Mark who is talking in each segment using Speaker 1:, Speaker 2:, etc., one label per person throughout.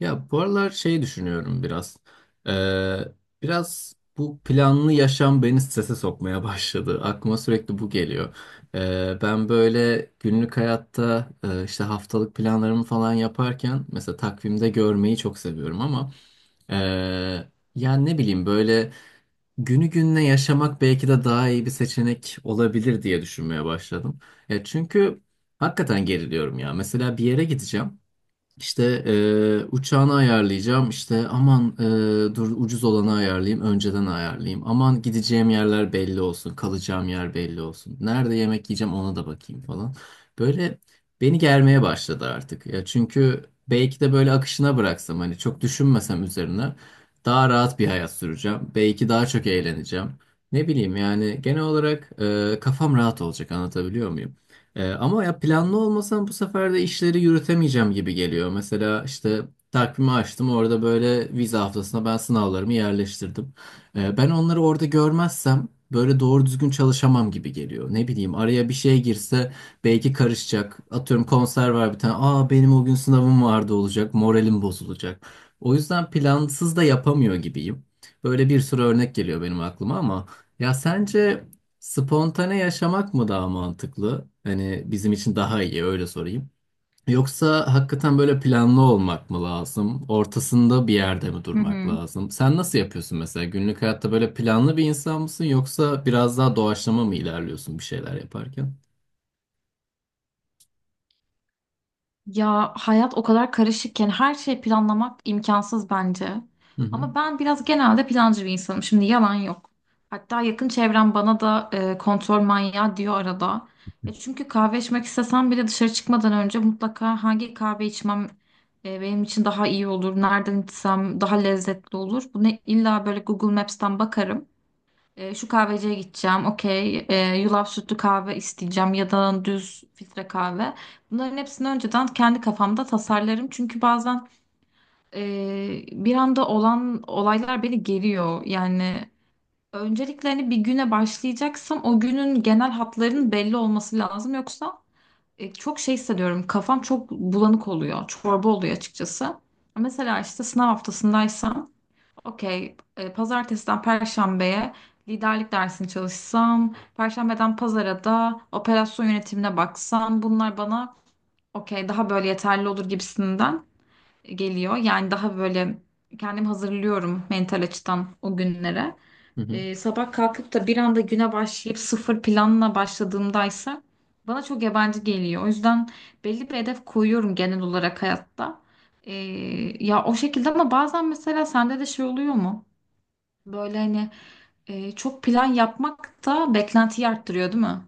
Speaker 1: Ya bu aralar şey düşünüyorum biraz. Ee, Biraz bu planlı yaşam beni strese sokmaya başladı. Aklıma sürekli bu geliyor. Ben böyle günlük hayatta işte haftalık planlarımı falan yaparken mesela takvimde görmeyi çok seviyorum ama e, yani ne bileyim böyle günü gününe yaşamak belki de daha iyi bir seçenek olabilir diye düşünmeye başladım. Çünkü hakikaten geriliyorum ya. Mesela bir yere gideceğim. İşte uçağını ayarlayacağım. İşte aman dur ucuz olanı ayarlayayım, önceden ayarlayayım. Aman gideceğim yerler belli olsun, kalacağım yer belli olsun. Nerede yemek yiyeceğim ona da bakayım falan. Böyle beni germeye başladı artık. Ya çünkü belki de böyle akışına bıraksam hani çok düşünmesem üzerine daha rahat bir hayat süreceğim. Belki daha çok eğleneceğim. Ne bileyim yani genel olarak kafam rahat olacak, anlatabiliyor muyum? Ama ya planlı olmasam bu sefer de işleri yürütemeyeceğim gibi geliyor. Mesela işte takvimi açtım, orada böyle vize haftasına ben sınavlarımı yerleştirdim. Ben onları orada görmezsem böyle doğru düzgün çalışamam gibi geliyor. Ne bileyim araya bir şey girse belki karışacak. Atıyorum konser var bir tane. Aa, benim o gün sınavım vardı olacak. Moralim bozulacak. O yüzden plansız da yapamıyor gibiyim. Böyle bir sürü örnek geliyor benim aklıma, ama ya sence spontane yaşamak mı daha mantıklı? Hani bizim için daha iyi, öyle sorayım. Yoksa hakikaten böyle planlı olmak mı lazım? Ortasında bir yerde mi
Speaker 2: Hı
Speaker 1: durmak
Speaker 2: hı.
Speaker 1: lazım? Sen nasıl yapıyorsun mesela? Günlük hayatta böyle planlı bir insan mısın, yoksa biraz daha doğaçlama mı ilerliyorsun bir şeyler yaparken?
Speaker 2: Ya hayat o kadar karışıkken her şeyi planlamak imkansız bence.
Speaker 1: Hı hı.
Speaker 2: Ama ben biraz genelde plancı bir insanım. Şimdi yalan yok. Hatta yakın çevrem bana da kontrol manyağı diyor arada. Çünkü kahve içmek istesem bile dışarı çıkmadan önce mutlaka hangi kahve içmem benim için daha iyi olur, nereden içsem daha lezzetli olur. Bunu illa böyle Google Maps'ten bakarım. Şu kahveciye gideceğim. Okey. Yulaf sütlü kahve isteyeceğim ya da düz filtre kahve. Bunların hepsini önceden kendi kafamda tasarlarım. Çünkü bazen e, bir anda olan olaylar beni geriyor. Yani öncelikle hani bir güne başlayacaksam o günün genel hatlarının belli olması lazım. Yoksa çok şey hissediyorum. Kafam çok bulanık oluyor. Çorba oluyor açıkçası. Mesela işte sınav haftasındaysam okey. Pazartesiden Perşembe'ye liderlik dersini çalışsam, Perşembeden Pazara da operasyon yönetimine baksam, bunlar bana okey daha böyle yeterli olur gibisinden geliyor. Yani daha böyle kendim hazırlıyorum mental açıdan o günlere.
Speaker 1: Hı hı.
Speaker 2: Sabah kalkıp da bir anda güne başlayıp sıfır planla başladığımdaysa bana çok yabancı geliyor. O yüzden belli bir hedef koyuyorum genel olarak hayatta. E, Ya o şekilde ama bazen mesela sende de şey oluyor mu? Böyle hani çok plan yapmak da beklentiyi arttırıyor, değil mi?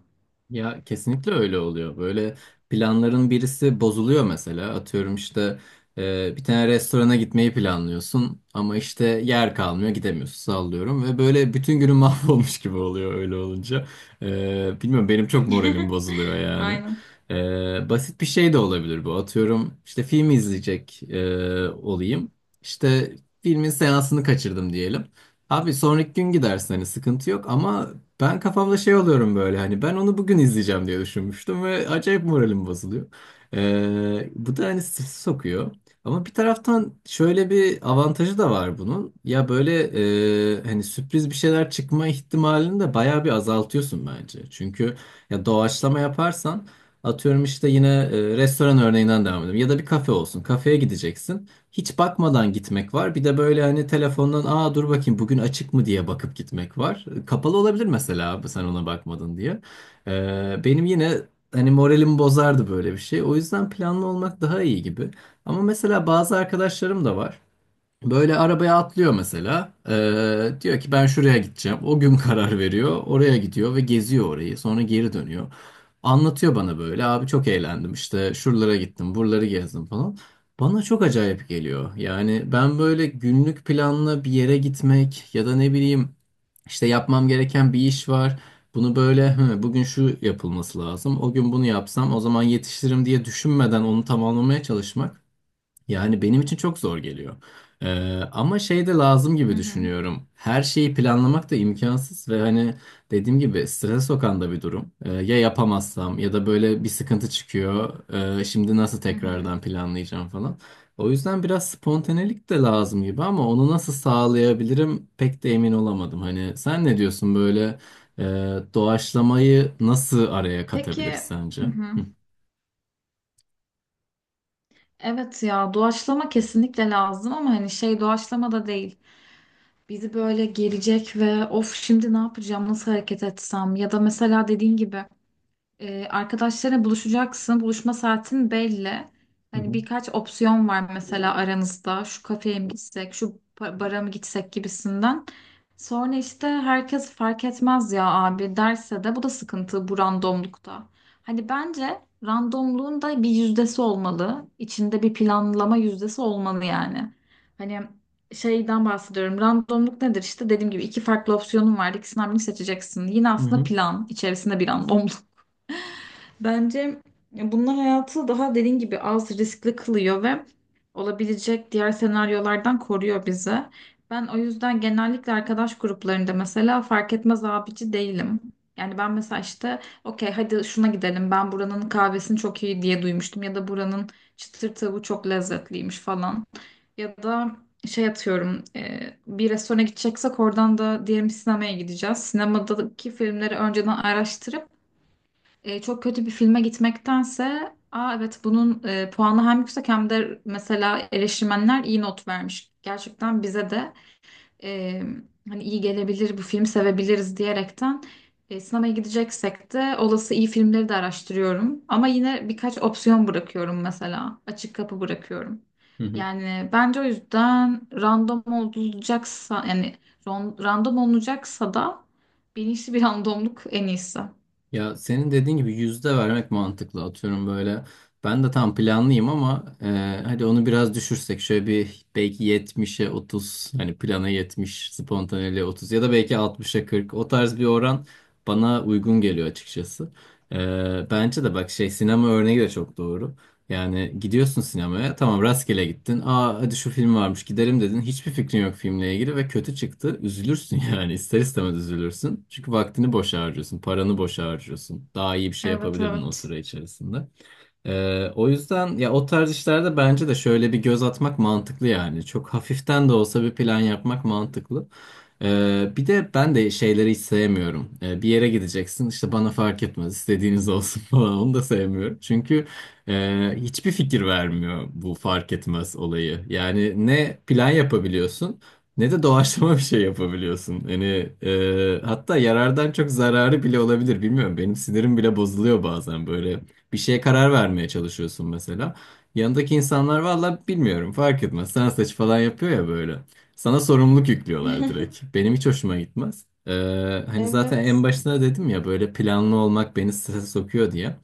Speaker 1: Ya kesinlikle öyle oluyor. Böyle planların birisi bozuluyor mesela. Atıyorum işte bir tane restorana gitmeyi planlıyorsun ama işte yer kalmıyor, gidemiyorsun, sallıyorum, ve böyle bütün günün mahvolmuş gibi oluyor öyle olunca. Bilmiyorum, benim çok moralim bozuluyor yani.
Speaker 2: Aynen.
Speaker 1: Basit bir şey de olabilir bu. Atıyorum işte film izleyecek olayım. İşte filmin seansını kaçırdım diyelim. Abi sonraki gün gidersin, hani sıkıntı yok, ama ben kafamda şey oluyorum, böyle hani ben onu bugün izleyeceğim diye düşünmüştüm ve acayip moralim bozuluyor. Bu da hani stresi sokuyor. Ama bir taraftan şöyle bir avantajı da var bunun. Ya böyle hani sürpriz bir şeyler çıkma ihtimalini de bayağı bir azaltıyorsun bence. Çünkü ya doğaçlama yaparsan, atıyorum işte yine restoran örneğinden devam edelim ya da bir kafe olsun. Kafeye gideceksin, hiç bakmadan gitmek var. Bir de böyle hani telefondan aa dur bakayım bugün açık mı diye bakıp gitmek var. Kapalı olabilir mesela, abi sen ona bakmadın diye. Benim yine hani moralimi bozardı böyle bir şey. O yüzden planlı olmak daha iyi gibi. Ama mesela bazı arkadaşlarım da var. Böyle arabaya atlıyor mesela. Diyor ki ben şuraya gideceğim. O gün karar veriyor. Oraya gidiyor ve geziyor orayı. Sonra geri dönüyor. Anlatıyor bana böyle. Abi çok eğlendim. İşte şuralara gittim, buraları gezdim falan. Bana çok acayip geliyor. Yani ben böyle günlük planla bir yere gitmek ya da ne bileyim işte yapmam gereken bir iş var. Bunu böyle, "Hı, bugün şu yapılması lazım. O gün bunu yapsam o zaman yetiştiririm," diye düşünmeden onu tamamlamaya çalışmak. Yani benim için çok zor geliyor. Ama şey de lazım
Speaker 2: Hı
Speaker 1: gibi
Speaker 2: hı.
Speaker 1: düşünüyorum. Her şeyi planlamak da imkansız ve hani dediğim gibi strese sokan da bir durum. Ya yapamazsam ya da böyle bir sıkıntı çıkıyor. Şimdi nasıl
Speaker 2: Hı hı.
Speaker 1: tekrardan planlayacağım falan. O yüzden biraz spontanelik de lazım gibi, ama onu nasıl sağlayabilirim pek de emin olamadım. Hani sen ne diyorsun böyle e, doğaçlamayı nasıl araya katabiliriz
Speaker 2: Peki
Speaker 1: sence?
Speaker 2: hı hı.
Speaker 1: Hı
Speaker 2: Evet ya doğaçlama kesinlikle lazım ama hani şey doğaçlama da değil. Bizi böyle gelecek ve of şimdi ne yapacağım, nasıl hareket etsem ya da mesela dediğin gibi arkadaşlarına buluşacaksın. Buluşma saatin belli. Hani
Speaker 1: hı,
Speaker 2: birkaç opsiyon var mesela aranızda. Şu kafeye mi gitsek, şu bara mı gitsek gibisinden. Sonra işte herkes fark etmez ya abi derse de bu da sıkıntı bu randomlukta. Hani bence randomluğun da bir yüzdesi olmalı. İçinde bir planlama yüzdesi olmalı yani. Hani şeyden bahsediyorum. Randomluk nedir? İşte dediğim gibi iki farklı opsiyonun var. İkisinden birini seçeceksin. Yine
Speaker 1: hı
Speaker 2: aslında
Speaker 1: hı.
Speaker 2: plan içerisinde bir randomluk. Bence bunlar hayatı daha dediğin gibi az riskli kılıyor ve olabilecek diğer senaryolardan koruyor bizi. Ben o yüzden genellikle arkadaş gruplarında mesela fark etmez abici değilim. Yani ben mesela işte okey hadi şuna gidelim, ben buranın kahvesini çok iyi diye duymuştum ya da buranın çıtır tavuğu çok lezzetliymiş falan. Ya da şey atıyorum bir restorana gideceksek oradan da diyelim sinemaya gideceğiz. Sinemadaki filmleri önceden araştırıp çok kötü bir filme gitmektense, aa, evet bunun puanı hem yüksek hem de mesela eleştirmenler iyi not vermiş. Gerçekten bize de e, hani iyi gelebilir bu film, sevebiliriz diyerekten sinemaya gideceksek de olası iyi filmleri de araştırıyorum. Ama yine birkaç opsiyon bırakıyorum mesela. Açık kapı bırakıyorum.
Speaker 1: Hı hı.
Speaker 2: Yani bence o yüzden random olacaksa, yani random olunacaksa da bilinçli bir randomluk en iyisi.
Speaker 1: Ya senin dediğin gibi yüzde vermek mantıklı, atıyorum böyle. Ben de tam planlıyım, ama hadi onu biraz düşürsek, şöyle bir belki 70'e 30, hani plana 70, spontaneliğe 30, ya da belki 60'a 40, o tarz bir oran bana uygun geliyor açıkçası. Bence de bak, şey, sinema örneği de çok doğru. Yani gidiyorsun sinemaya, tamam, rastgele gittin. Aa hadi şu film varmış gidelim dedin. Hiçbir fikrin yok filmle ilgili ve kötü çıktı. Üzülürsün, yani ister istemez üzülürsün. Çünkü vaktini boşa harcıyorsun, paranı boşa harcıyorsun. Daha iyi bir şey
Speaker 2: Evet,
Speaker 1: yapabilirdin o
Speaker 2: evet.
Speaker 1: süre içerisinde. O yüzden ya o tarz işlerde bence de şöyle bir göz atmak mantıklı yani. Çok hafiften de olsa bir plan yapmak mantıklı. Bir de ben de şeyleri hiç sevmiyorum. Bir yere gideceksin, işte bana fark etmez, istediğiniz olsun falan, onu da sevmiyorum. Çünkü hiçbir fikir vermiyor bu fark etmez olayı. Yani ne plan yapabiliyorsun ne de doğaçlama bir şey yapabiliyorsun. Yani hatta yarardan çok zararı bile olabilir, bilmiyorum. Benim sinirim bile bozuluyor bazen, böyle bir şeye karar vermeye çalışıyorsun mesela. Yanındaki insanlar valla bilmiyorum fark etmez sen seç falan yapıyor ya böyle. Sana sorumluluk yüklüyorlar direkt. Benim hiç hoşuma gitmez. Hani zaten en
Speaker 2: Evet.
Speaker 1: başına dedim ya böyle planlı olmak beni strese sokuyor diye.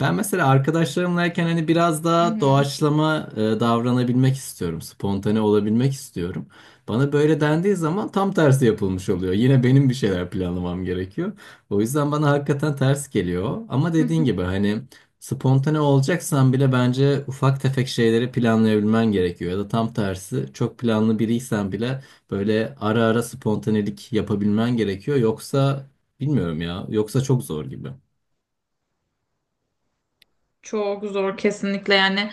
Speaker 1: Ben mesela arkadaşlarımlayken hani biraz
Speaker 2: Hı
Speaker 1: daha
Speaker 2: hı.
Speaker 1: doğaçlama davranabilmek istiyorum. Spontane olabilmek istiyorum. Bana böyle dendiği zaman tam tersi yapılmış oluyor. Yine benim bir şeyler planlamam gerekiyor. O yüzden bana hakikaten ters geliyor. Ama
Speaker 2: Hı
Speaker 1: dediğin
Speaker 2: hı.
Speaker 1: gibi hani spontane olacaksan bile bence ufak tefek şeyleri planlayabilmen gerekiyor. Ya da tam tersi çok planlı biriysen bile böyle ara ara spontanelik yapabilmen gerekiyor. Yoksa bilmiyorum ya. Yoksa çok zor gibi.
Speaker 2: Çok zor kesinlikle yani.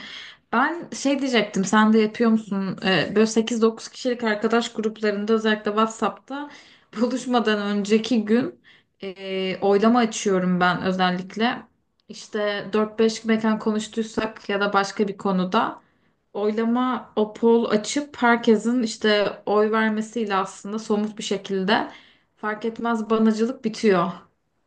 Speaker 2: Ben şey diyecektim, sen de yapıyor musun? Böyle sekiz dokuz kişilik arkadaş gruplarında, özellikle WhatsApp'ta, buluşmadan önceki gün oylama açıyorum ben özellikle. İşte dört beş mekan konuştuysak ya da başka bir konuda oylama o poll açıp herkesin işte oy vermesiyle aslında somut bir şekilde fark etmez banacılık bitiyor.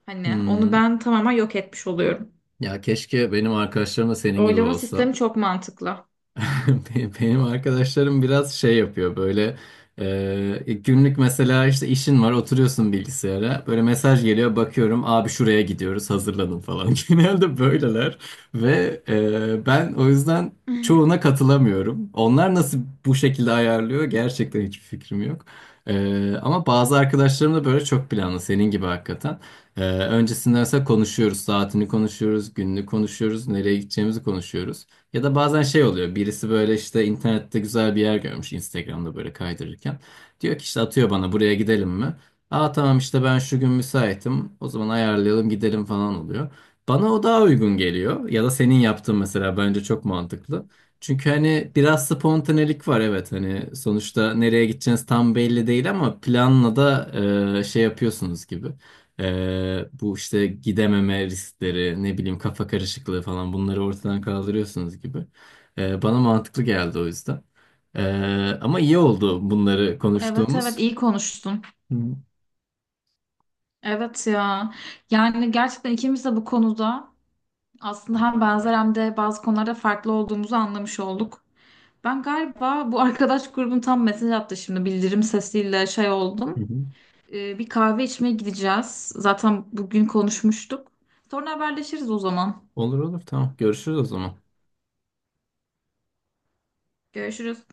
Speaker 2: Hani onu
Speaker 1: Hmm.
Speaker 2: ben tamamen yok etmiş oluyorum.
Speaker 1: Ya keşke benim arkadaşlarım da senin gibi
Speaker 2: Oylama
Speaker 1: olsa.
Speaker 2: sistemi çok mantıklı.
Speaker 1: Benim arkadaşlarım biraz şey yapıyor, böyle günlük mesela işte işin var, oturuyorsun bilgisayara, böyle mesaj geliyor, bakıyorum abi şuraya gidiyoruz hazırlanın falan, genelde böyleler, ve ben o yüzden çoğuna katılamıyorum, onlar nasıl bu şekilde ayarlıyor gerçekten hiçbir fikrim yok. Ama bazı arkadaşlarım da böyle çok planlı, senin gibi hakikaten. Öncesinde mesela konuşuyoruz, saatini konuşuyoruz, gününü konuşuyoruz, nereye gideceğimizi konuşuyoruz. Ya da bazen şey oluyor. Birisi böyle işte internette güzel bir yer görmüş, Instagram'da böyle kaydırırken. Diyor ki işte, atıyor bana, buraya gidelim mi? Aa tamam, işte ben şu gün müsaitim. O zaman ayarlayalım gidelim falan oluyor. Bana o daha uygun geliyor. Ya da senin yaptığın mesela bence çok mantıklı. Çünkü hani biraz spontanelik var evet, hani sonuçta nereye gideceğiniz tam belli değil, ama planla da şey yapıyorsunuz gibi. Bu işte gidememe riskleri, ne bileyim kafa karışıklığı falan, bunları ortadan kaldırıyorsunuz gibi. Bana mantıklı geldi o yüzden. Ama iyi oldu bunları
Speaker 2: Evet,
Speaker 1: konuştuğumuz.
Speaker 2: evet, iyi konuştun.
Speaker 1: Hı
Speaker 2: Evet ya. Yani gerçekten ikimiz de bu konuda aslında hem benzer hem de bazı konularda farklı olduğumuzu anlamış olduk. Ben galiba bu arkadaş grubun tam mesaj attı şimdi bildirim sesiyle şey oldum.
Speaker 1: hı.
Speaker 2: Bir kahve içmeye gideceğiz. Zaten bugün konuşmuştuk. Sonra haberleşiriz o zaman.
Speaker 1: Olur olur, tamam, görüşürüz o zaman.
Speaker 2: Görüşürüz.